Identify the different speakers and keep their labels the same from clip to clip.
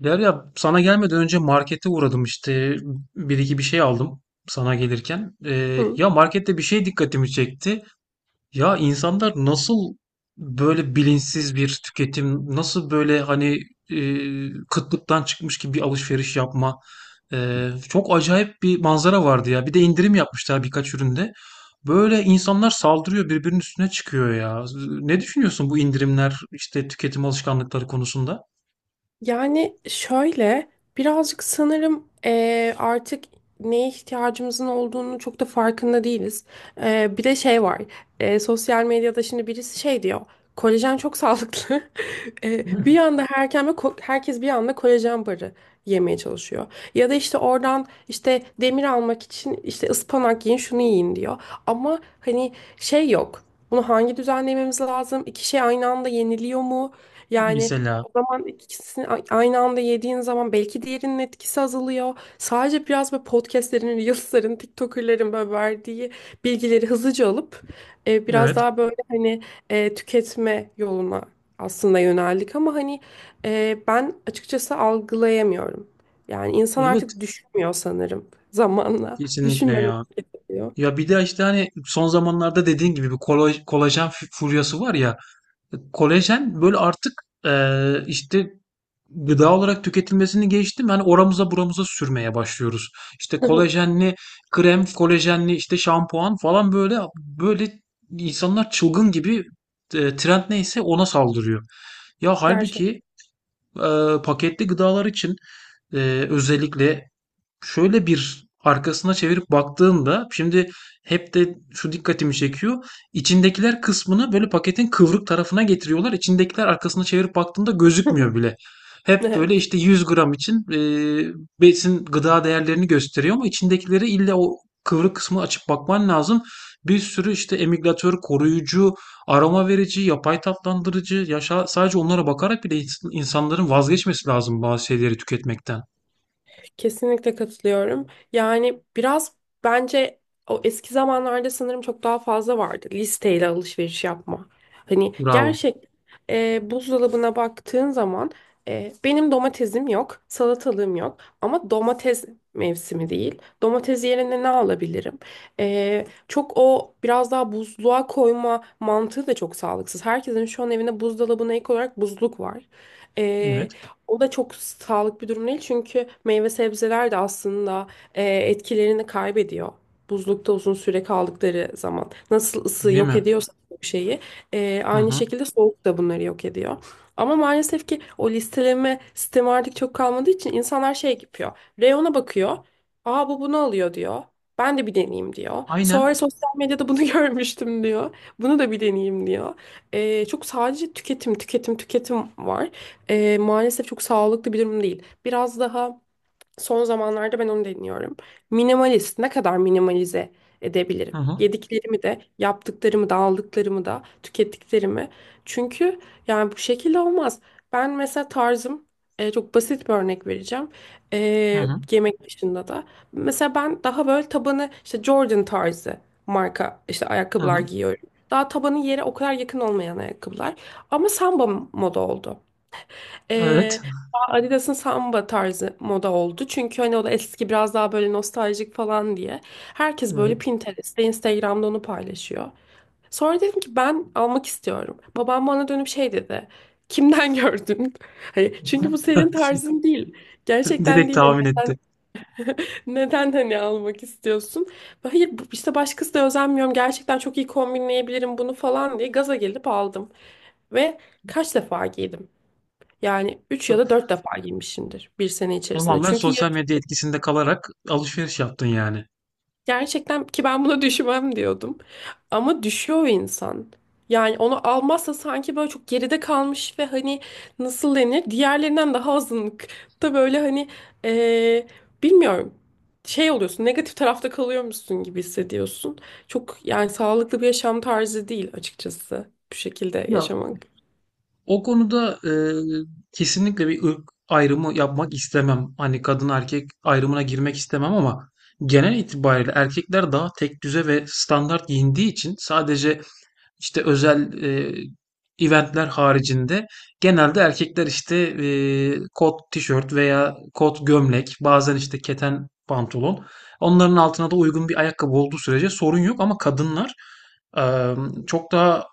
Speaker 1: Derya sana gelmeden önce markete uğradım işte bir iki bir şey aldım sana gelirken.
Speaker 2: Hı.
Speaker 1: Ya markette bir şey dikkatimi çekti. Ya insanlar nasıl böyle bilinçsiz bir tüketim, nasıl böyle hani kıtlıktan çıkmış gibi bir alışveriş yapma. Çok acayip bir manzara vardı ya. Bir de indirim yapmışlar birkaç üründe. Böyle insanlar saldırıyor birbirinin üstüne çıkıyor ya. Ne düşünüyorsun bu indirimler işte tüketim alışkanlıkları konusunda?
Speaker 2: Yani şöyle birazcık sanırım artık neye ihtiyacımızın olduğunu çok da farkında değiliz. Bir de şey var. Sosyal medyada şimdi birisi şey diyor. Kolajen çok sağlıklı. Bir anda herkes bir anda kolajen barı yemeye çalışıyor. Ya da işte oradan işte demir almak için işte ıspanak yiyin şunu yiyin diyor. Ama hani şey yok. Bunu hangi düzenlememiz lazım? İki şey aynı anda yeniliyor mu? Yani
Speaker 1: Mesela
Speaker 2: o zaman ikisini aynı anda yediğin zaman belki diğerinin etkisi azalıyor. Sadece biraz böyle podcastlerin, reelslerin, TikToker'lerin böyle verdiği bilgileri hızlıca alıp biraz
Speaker 1: evet.
Speaker 2: daha böyle hani tüketme yoluna aslında yöneldik ama hani ben açıkçası algılayamıyorum. Yani insan
Speaker 1: Evet,
Speaker 2: artık düşünmüyor sanırım zamanla.
Speaker 1: kesinlikle
Speaker 2: Düşünmeden
Speaker 1: ya.
Speaker 2: hareket ediyor.
Speaker 1: Ya bir de işte hani son zamanlarda dediğin gibi bir kolajen furyası var ya. Kolajen böyle artık işte gıda olarak tüketilmesini geçtim. Hani oramıza buramıza sürmeye başlıyoruz. İşte kolajenli krem, kolajenli işte şampuan falan böyle böyle insanlar çılgın gibi trend neyse ona saldırıyor. Ya
Speaker 2: Gerçekten.
Speaker 1: halbuki e, paketli gıdalar için e, özellikle şöyle bir arkasına çevirip baktığında şimdi hep de şu dikkatimi çekiyor. İçindekiler kısmını böyle paketin kıvrık tarafına getiriyorlar. İçindekiler arkasına çevirip baktığında gözükmüyor bile. Hep
Speaker 2: Evet.
Speaker 1: böyle işte 100 gram için besin gıda değerlerini gösteriyor ama içindekileri illa o kıvrık kısmını açıp bakman lazım. Bir sürü işte emülgatör, koruyucu, aroma verici, yapay tatlandırıcı, yaşa, sadece onlara bakarak bile insanların vazgeçmesi lazım bazı şeyleri tüketmekten.
Speaker 2: Kesinlikle katılıyorum. Yani biraz bence o eski zamanlarda sanırım çok daha fazla vardı listeyle alışveriş yapma. Hani
Speaker 1: Bravo.
Speaker 2: gerçek buzdolabına baktığın zaman benim domatesim yok, salatalığım yok ama domates mevsimi değil. Domates yerine ne alabilirim? Çok o biraz daha buzluğa koyma mantığı da çok sağlıksız. Herkesin şu an evinde buzdolabına ek olarak buzluk var.
Speaker 1: Evet.
Speaker 2: O da çok sağlıklı bir durum değil çünkü meyve sebzeler de aslında etkilerini kaybediyor. Buzlukta uzun süre kaldıkları zaman. Nasıl ısı
Speaker 1: Değil
Speaker 2: yok
Speaker 1: mi?
Speaker 2: ediyorsa bir şeyi
Speaker 1: Hı
Speaker 2: aynı
Speaker 1: hı.
Speaker 2: şekilde soğuk da bunları yok ediyor. Ama maalesef ki o listeleme sistemi artık çok kalmadığı için insanlar şey yapıyor. Reyona bakıyor. Aa bu bunu alıyor diyor. Ben de bir deneyeyim diyor. Sonra
Speaker 1: Aynen.
Speaker 2: sosyal medyada bunu görmüştüm diyor. Bunu da bir deneyeyim diyor. Çok sadece tüketim, tüketim, tüketim var. Maalesef çok sağlıklı bir durum değil. Biraz daha son zamanlarda ben onu deniyorum. Minimalist, ne kadar minimalize
Speaker 1: Hı
Speaker 2: edebilirim?
Speaker 1: hı.
Speaker 2: Yediklerimi de, yaptıklarımı da, aldıklarımı da, tükettiklerimi. Çünkü yani bu şekilde olmaz. Ben mesela tarzım, çok basit bir örnek vereceğim.
Speaker 1: Hı hı.
Speaker 2: Yemek dışında da. Mesela ben daha böyle tabanı işte Jordan tarzı marka işte
Speaker 1: Hı
Speaker 2: ayakkabılar
Speaker 1: hı.
Speaker 2: giyiyorum. Daha tabanı yere o kadar yakın olmayan ayakkabılar. Ama samba moda oldu. Ee,
Speaker 1: Evet.
Speaker 2: Adidas'ın samba tarzı moda oldu. Çünkü hani o da eski biraz daha böyle nostaljik falan diye. Herkes böyle
Speaker 1: Evet.
Speaker 2: Pinterest'te, Instagram'da onu paylaşıyor. Sonra dedim ki ben almak istiyorum. Babam bana dönüp şey dedi. Kimden gördün? Hani çünkü bu senin tarzın değil. Gerçekten
Speaker 1: Direkt
Speaker 2: değil. Hani
Speaker 1: tahmin etti.
Speaker 2: Neden hani almak istiyorsun? Hayır işte başkası da özenmiyorum. Gerçekten çok iyi kombinleyebilirim bunu falan diye gaza gelip aldım. Ve kaç defa giydim? Yani 3 ya
Speaker 1: Ta-
Speaker 2: da 4 defa giymişimdir bir sene içerisinde.
Speaker 1: Tamamen
Speaker 2: Çünkü
Speaker 1: sosyal medya etkisinde kalarak alışveriş yaptın yani.
Speaker 2: gerçekten ki ben buna düşmem diyordum. Ama düşüyor insan. Yani onu almazsa sanki böyle çok geride kalmış ve hani nasıl denir? Diğerlerinden daha azınlıkta böyle hani eee, bilmiyorum. Şey oluyorsun negatif tarafta kalıyormuşsun gibi hissediyorsun. Çok yani sağlıklı bir yaşam tarzı değil açıkçası bu şekilde
Speaker 1: Ya
Speaker 2: yaşamak.
Speaker 1: o konuda kesinlikle bir ırk ayrımı yapmak istemem. Hani kadın erkek ayrımına girmek istemem ama genel itibariyle erkekler daha tek düze ve standart giyindiği için sadece İşte özel, event'ler haricinde genelde erkekler işte, kot tişört veya kot gömlek, bazen işte keten pantolon. Onların altına da uygun bir ayakkabı olduğu sürece sorun yok ama kadınlar, çok daha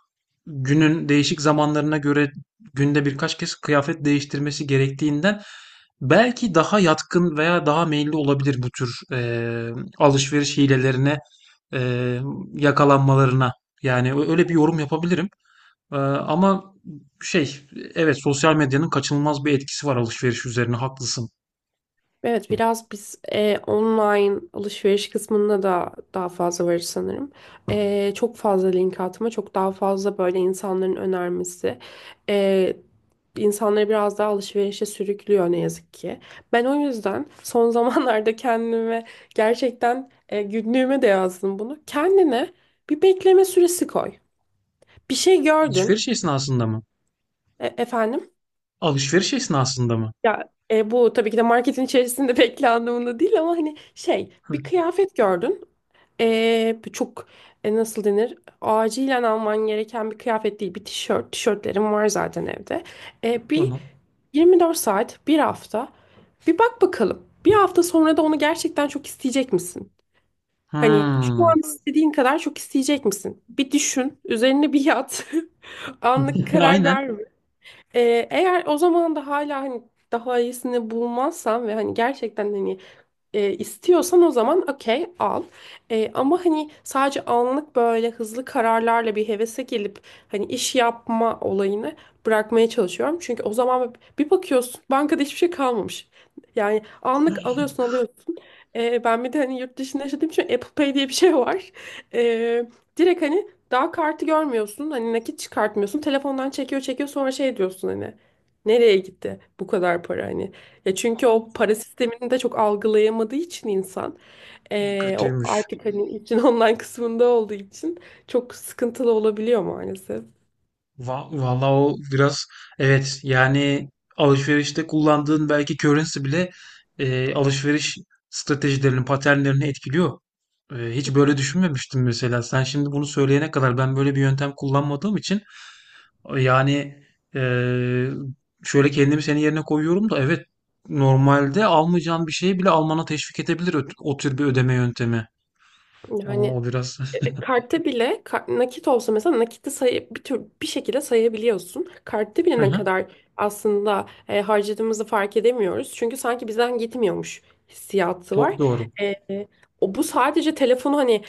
Speaker 1: günün değişik zamanlarına göre günde birkaç kez kıyafet değiştirmesi gerektiğinden belki daha yatkın veya daha meyilli olabilir bu tür alışveriş hilelerine eee, yakalanmalarına. Yani öyle bir yorum yapabilirim. Ama şey evet sosyal medyanın kaçınılmaz bir etkisi var alışveriş üzerine haklısın.
Speaker 2: Evet biraz biz online alışveriş kısmında da daha fazla varız sanırım. Çok fazla link atma, çok daha fazla böyle insanların önermesi. E, insanları biraz daha alışverişe sürüklüyor ne yazık ki. Ben o yüzden son zamanlarda kendime gerçekten günlüğüme de yazdım bunu. Kendine bir bekleme süresi koy. Bir şey gördün
Speaker 1: Alışveriş esnasında mı?
Speaker 2: efendim.
Speaker 1: Alışveriş esnasında mı?
Speaker 2: Ya bu tabii ki de marketin içerisinde bekle anlamında değil ama hani şey
Speaker 1: Hı,
Speaker 2: bir kıyafet gördün. Bu çok nasıl denir? Acilen alman gereken bir kıyafet değil. Bir tişört. Tişörtlerim var zaten evde. Bir
Speaker 1: tamam.
Speaker 2: 24 saat, bir hafta. Bir bak bakalım. Bir hafta sonra da onu gerçekten çok isteyecek misin? Hani şu
Speaker 1: Hmm.
Speaker 2: an istediğin kadar çok isteyecek misin? Bir düşün, üzerine bir yat. Anlık karar
Speaker 1: Aynen.
Speaker 2: verme. Eğer o zaman da hala hani daha iyisini bulmazsam ve hani gerçekten hani istiyorsan o zaman okey al. Ama hani sadece anlık böyle hızlı kararlarla bir hevese gelip hani iş yapma olayını bırakmaya çalışıyorum. Çünkü o zaman bir bakıyorsun bankada hiçbir şey kalmamış. Yani anlık alıyorsun alıyorsun. Ben bir de hani yurt dışında yaşadığım için Apple Pay diye bir şey var. E, Direkt hani daha kartı görmüyorsun. Hani nakit çıkartmıyorsun. Telefondan çekiyor çekiyor sonra şey diyorsun hani. Nereye gitti bu kadar para hani. Ya çünkü o para sistemini de çok algılayamadığı için insan
Speaker 1: O
Speaker 2: o
Speaker 1: kötüymüş.
Speaker 2: artık hani için online kısmında olduğu için çok sıkıntılı olabiliyor maalesef.
Speaker 1: Vallahi o biraz evet yani alışverişte kullandığın belki currency bile alışveriş stratejilerini, paternlerini etkiliyor. Hiç böyle düşünmemiştim mesela. Sen şimdi bunu söyleyene kadar ben böyle bir yöntem kullanmadığım için yani e, şöyle kendimi senin yerine koyuyorum da evet normalde almayacağın bir şeyi bile almana teşvik edebilir o tür bir ödeme yöntemi. Aa,
Speaker 2: Yani
Speaker 1: o biraz.
Speaker 2: Kartta bile nakit olsa mesela nakiti sayı bir tür bir şekilde sayabiliyorsun. Kartta
Speaker 1: Hı
Speaker 2: bile ne
Speaker 1: hı.
Speaker 2: kadar aslında harcadığımızı fark edemiyoruz. Çünkü sanki bizden gitmiyormuş hissiyatı
Speaker 1: Çok
Speaker 2: var.
Speaker 1: doğru.
Speaker 2: E, O bu sadece telefonu hani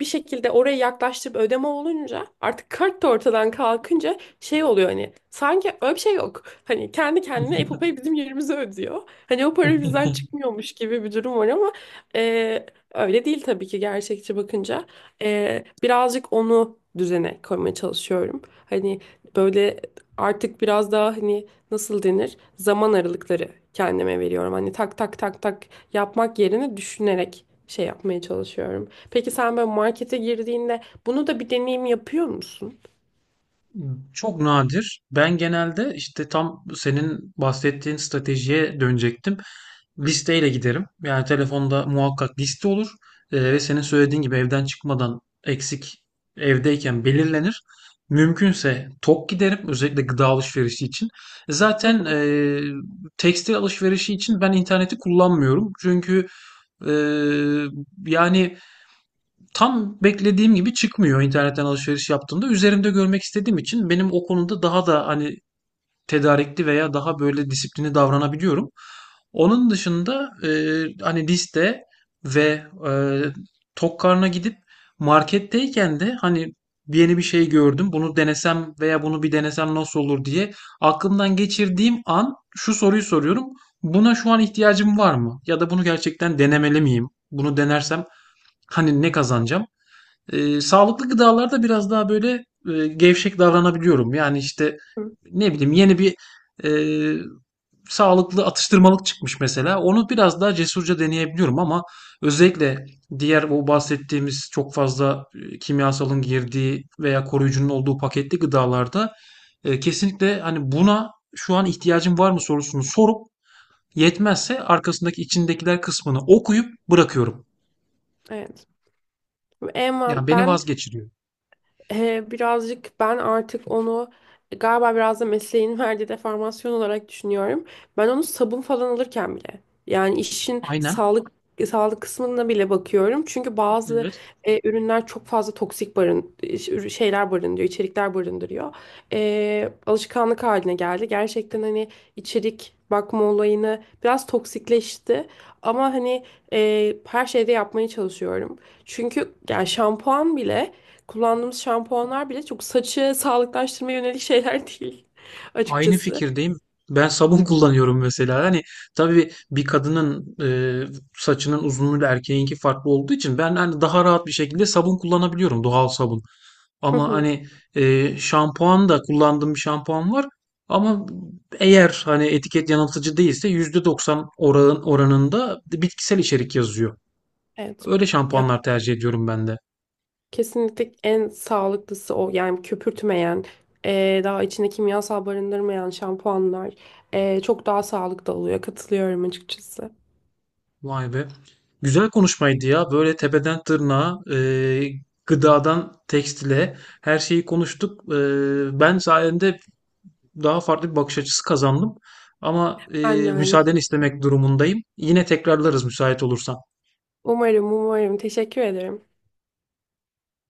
Speaker 2: bir şekilde oraya yaklaştırıp ödeme olunca artık kart da ortadan kalkınca şey oluyor hani sanki öyle bir şey yok. Hani kendi kendine Apple Pay bizim yerimize ödüyor. Hani o para bizden çıkmıyormuş gibi bir durum var ama e, öyle değil tabii ki gerçekçi bakınca. Birazcık onu düzene koymaya çalışıyorum. Hani böyle artık biraz daha hani nasıl denir? Zaman aralıkları kendime veriyorum. Hani tak tak tak tak yapmak yerine düşünerek şey yapmaya çalışıyorum. Peki sen böyle markete girdiğinde bunu da bir deneyim yapıyor musun?
Speaker 1: Çok nadir. Ben genelde işte tam senin bahsettiğin stratejiye dönecektim. Listeyle giderim. Yani telefonda muhakkak liste olur. Ve senin söylediğin gibi evden çıkmadan eksik evdeyken belirlenir. Mümkünse tok giderim. Özellikle gıda alışverişi için. Zaten tekstil alışverişi için ben interneti kullanmıyorum. Çünkü e, yani tam beklediğim gibi çıkmıyor internetten alışveriş yaptığımda. Üzerimde görmek istediğim için benim o konuda daha da hani tedarikli veya daha böyle disiplini davranabiliyorum. Onun dışında hani liste ve e, tok karnına gidip marketteyken de hani yeni bir şey gördüm. Bunu denesem veya bunu bir denesem nasıl olur diye aklımdan geçirdiğim an şu soruyu soruyorum. Buna şu an ihtiyacım var mı? Ya da bunu gerçekten denemeli miyim? Bunu denersem hani ne kazanacağım? Sağlıklı gıdalarda biraz daha böyle gevşek davranabiliyorum. Yani işte ne bileyim yeni bir e, sağlıklı atıştırmalık çıkmış mesela. Onu biraz daha cesurca deneyebiliyorum ama özellikle diğer bu bahsettiğimiz çok fazla kimyasalın girdiği veya koruyucunun olduğu paketli gıdalarda kesinlikle hani buna şu an ihtiyacım var mı sorusunu sorup yetmezse arkasındaki içindekiler kısmını okuyup bırakıyorum.
Speaker 2: Evet. En,
Speaker 1: Yani beni
Speaker 2: ben
Speaker 1: vazgeçiriyor.
Speaker 2: Birazcık ben artık onu galiba biraz da mesleğin verdiği deformasyon olarak düşünüyorum. Ben onu sabun falan alırken bile yani işin
Speaker 1: Aynen.
Speaker 2: sağlık kısmına bile bakıyorum. Çünkü bazı
Speaker 1: Evet.
Speaker 2: ürünler çok fazla toksik şeyler barındırıyor, içerikler barındırıyor. Alışkanlık haline geldi. Gerçekten hani içerik bakma olayını biraz toksikleşti. Ama hani her şeyde yapmaya çalışıyorum. Çünkü yani şampuan bile kullandığımız şampuanlar bile çok saçı sağlıklaştırmaya yönelik şeyler değil
Speaker 1: Aynı
Speaker 2: açıkçası.
Speaker 1: fikirdeyim. Ben sabun kullanıyorum mesela. Hani tabii bir kadının saçının uzunluğuyla erkeğinki farklı olduğu için ben hani daha rahat bir şekilde sabun kullanabiliyorum. Doğal sabun.
Speaker 2: Hı
Speaker 1: Ama
Speaker 2: hı.
Speaker 1: hani şampuan da kullandığım bir şampuan var. Ama eğer hani etiket yanıltıcı değilse %90 oranında bitkisel içerik yazıyor.
Speaker 2: Evet.
Speaker 1: Öyle
Speaker 2: Ya
Speaker 1: şampuanlar tercih ediyorum ben de.
Speaker 2: kesinlikle en sağlıklısı o. Yani köpürtmeyen, daha içinde kimyasal barındırmayan şampuanlar çok daha sağlıklı oluyor. Katılıyorum açıkçası.
Speaker 1: Vay be. Güzel konuşmaydı ya. Böyle tepeden tırnağa, gıdadan tekstile her şeyi konuştuk. Ben sayende daha farklı bir bakış açısı kazandım. Ama
Speaker 2: Ben de aynı
Speaker 1: müsaadeni
Speaker 2: şey.
Speaker 1: istemek durumundayım. Yine tekrarlarız müsait olursan.
Speaker 2: Umarım, umarım. Teşekkür ederim.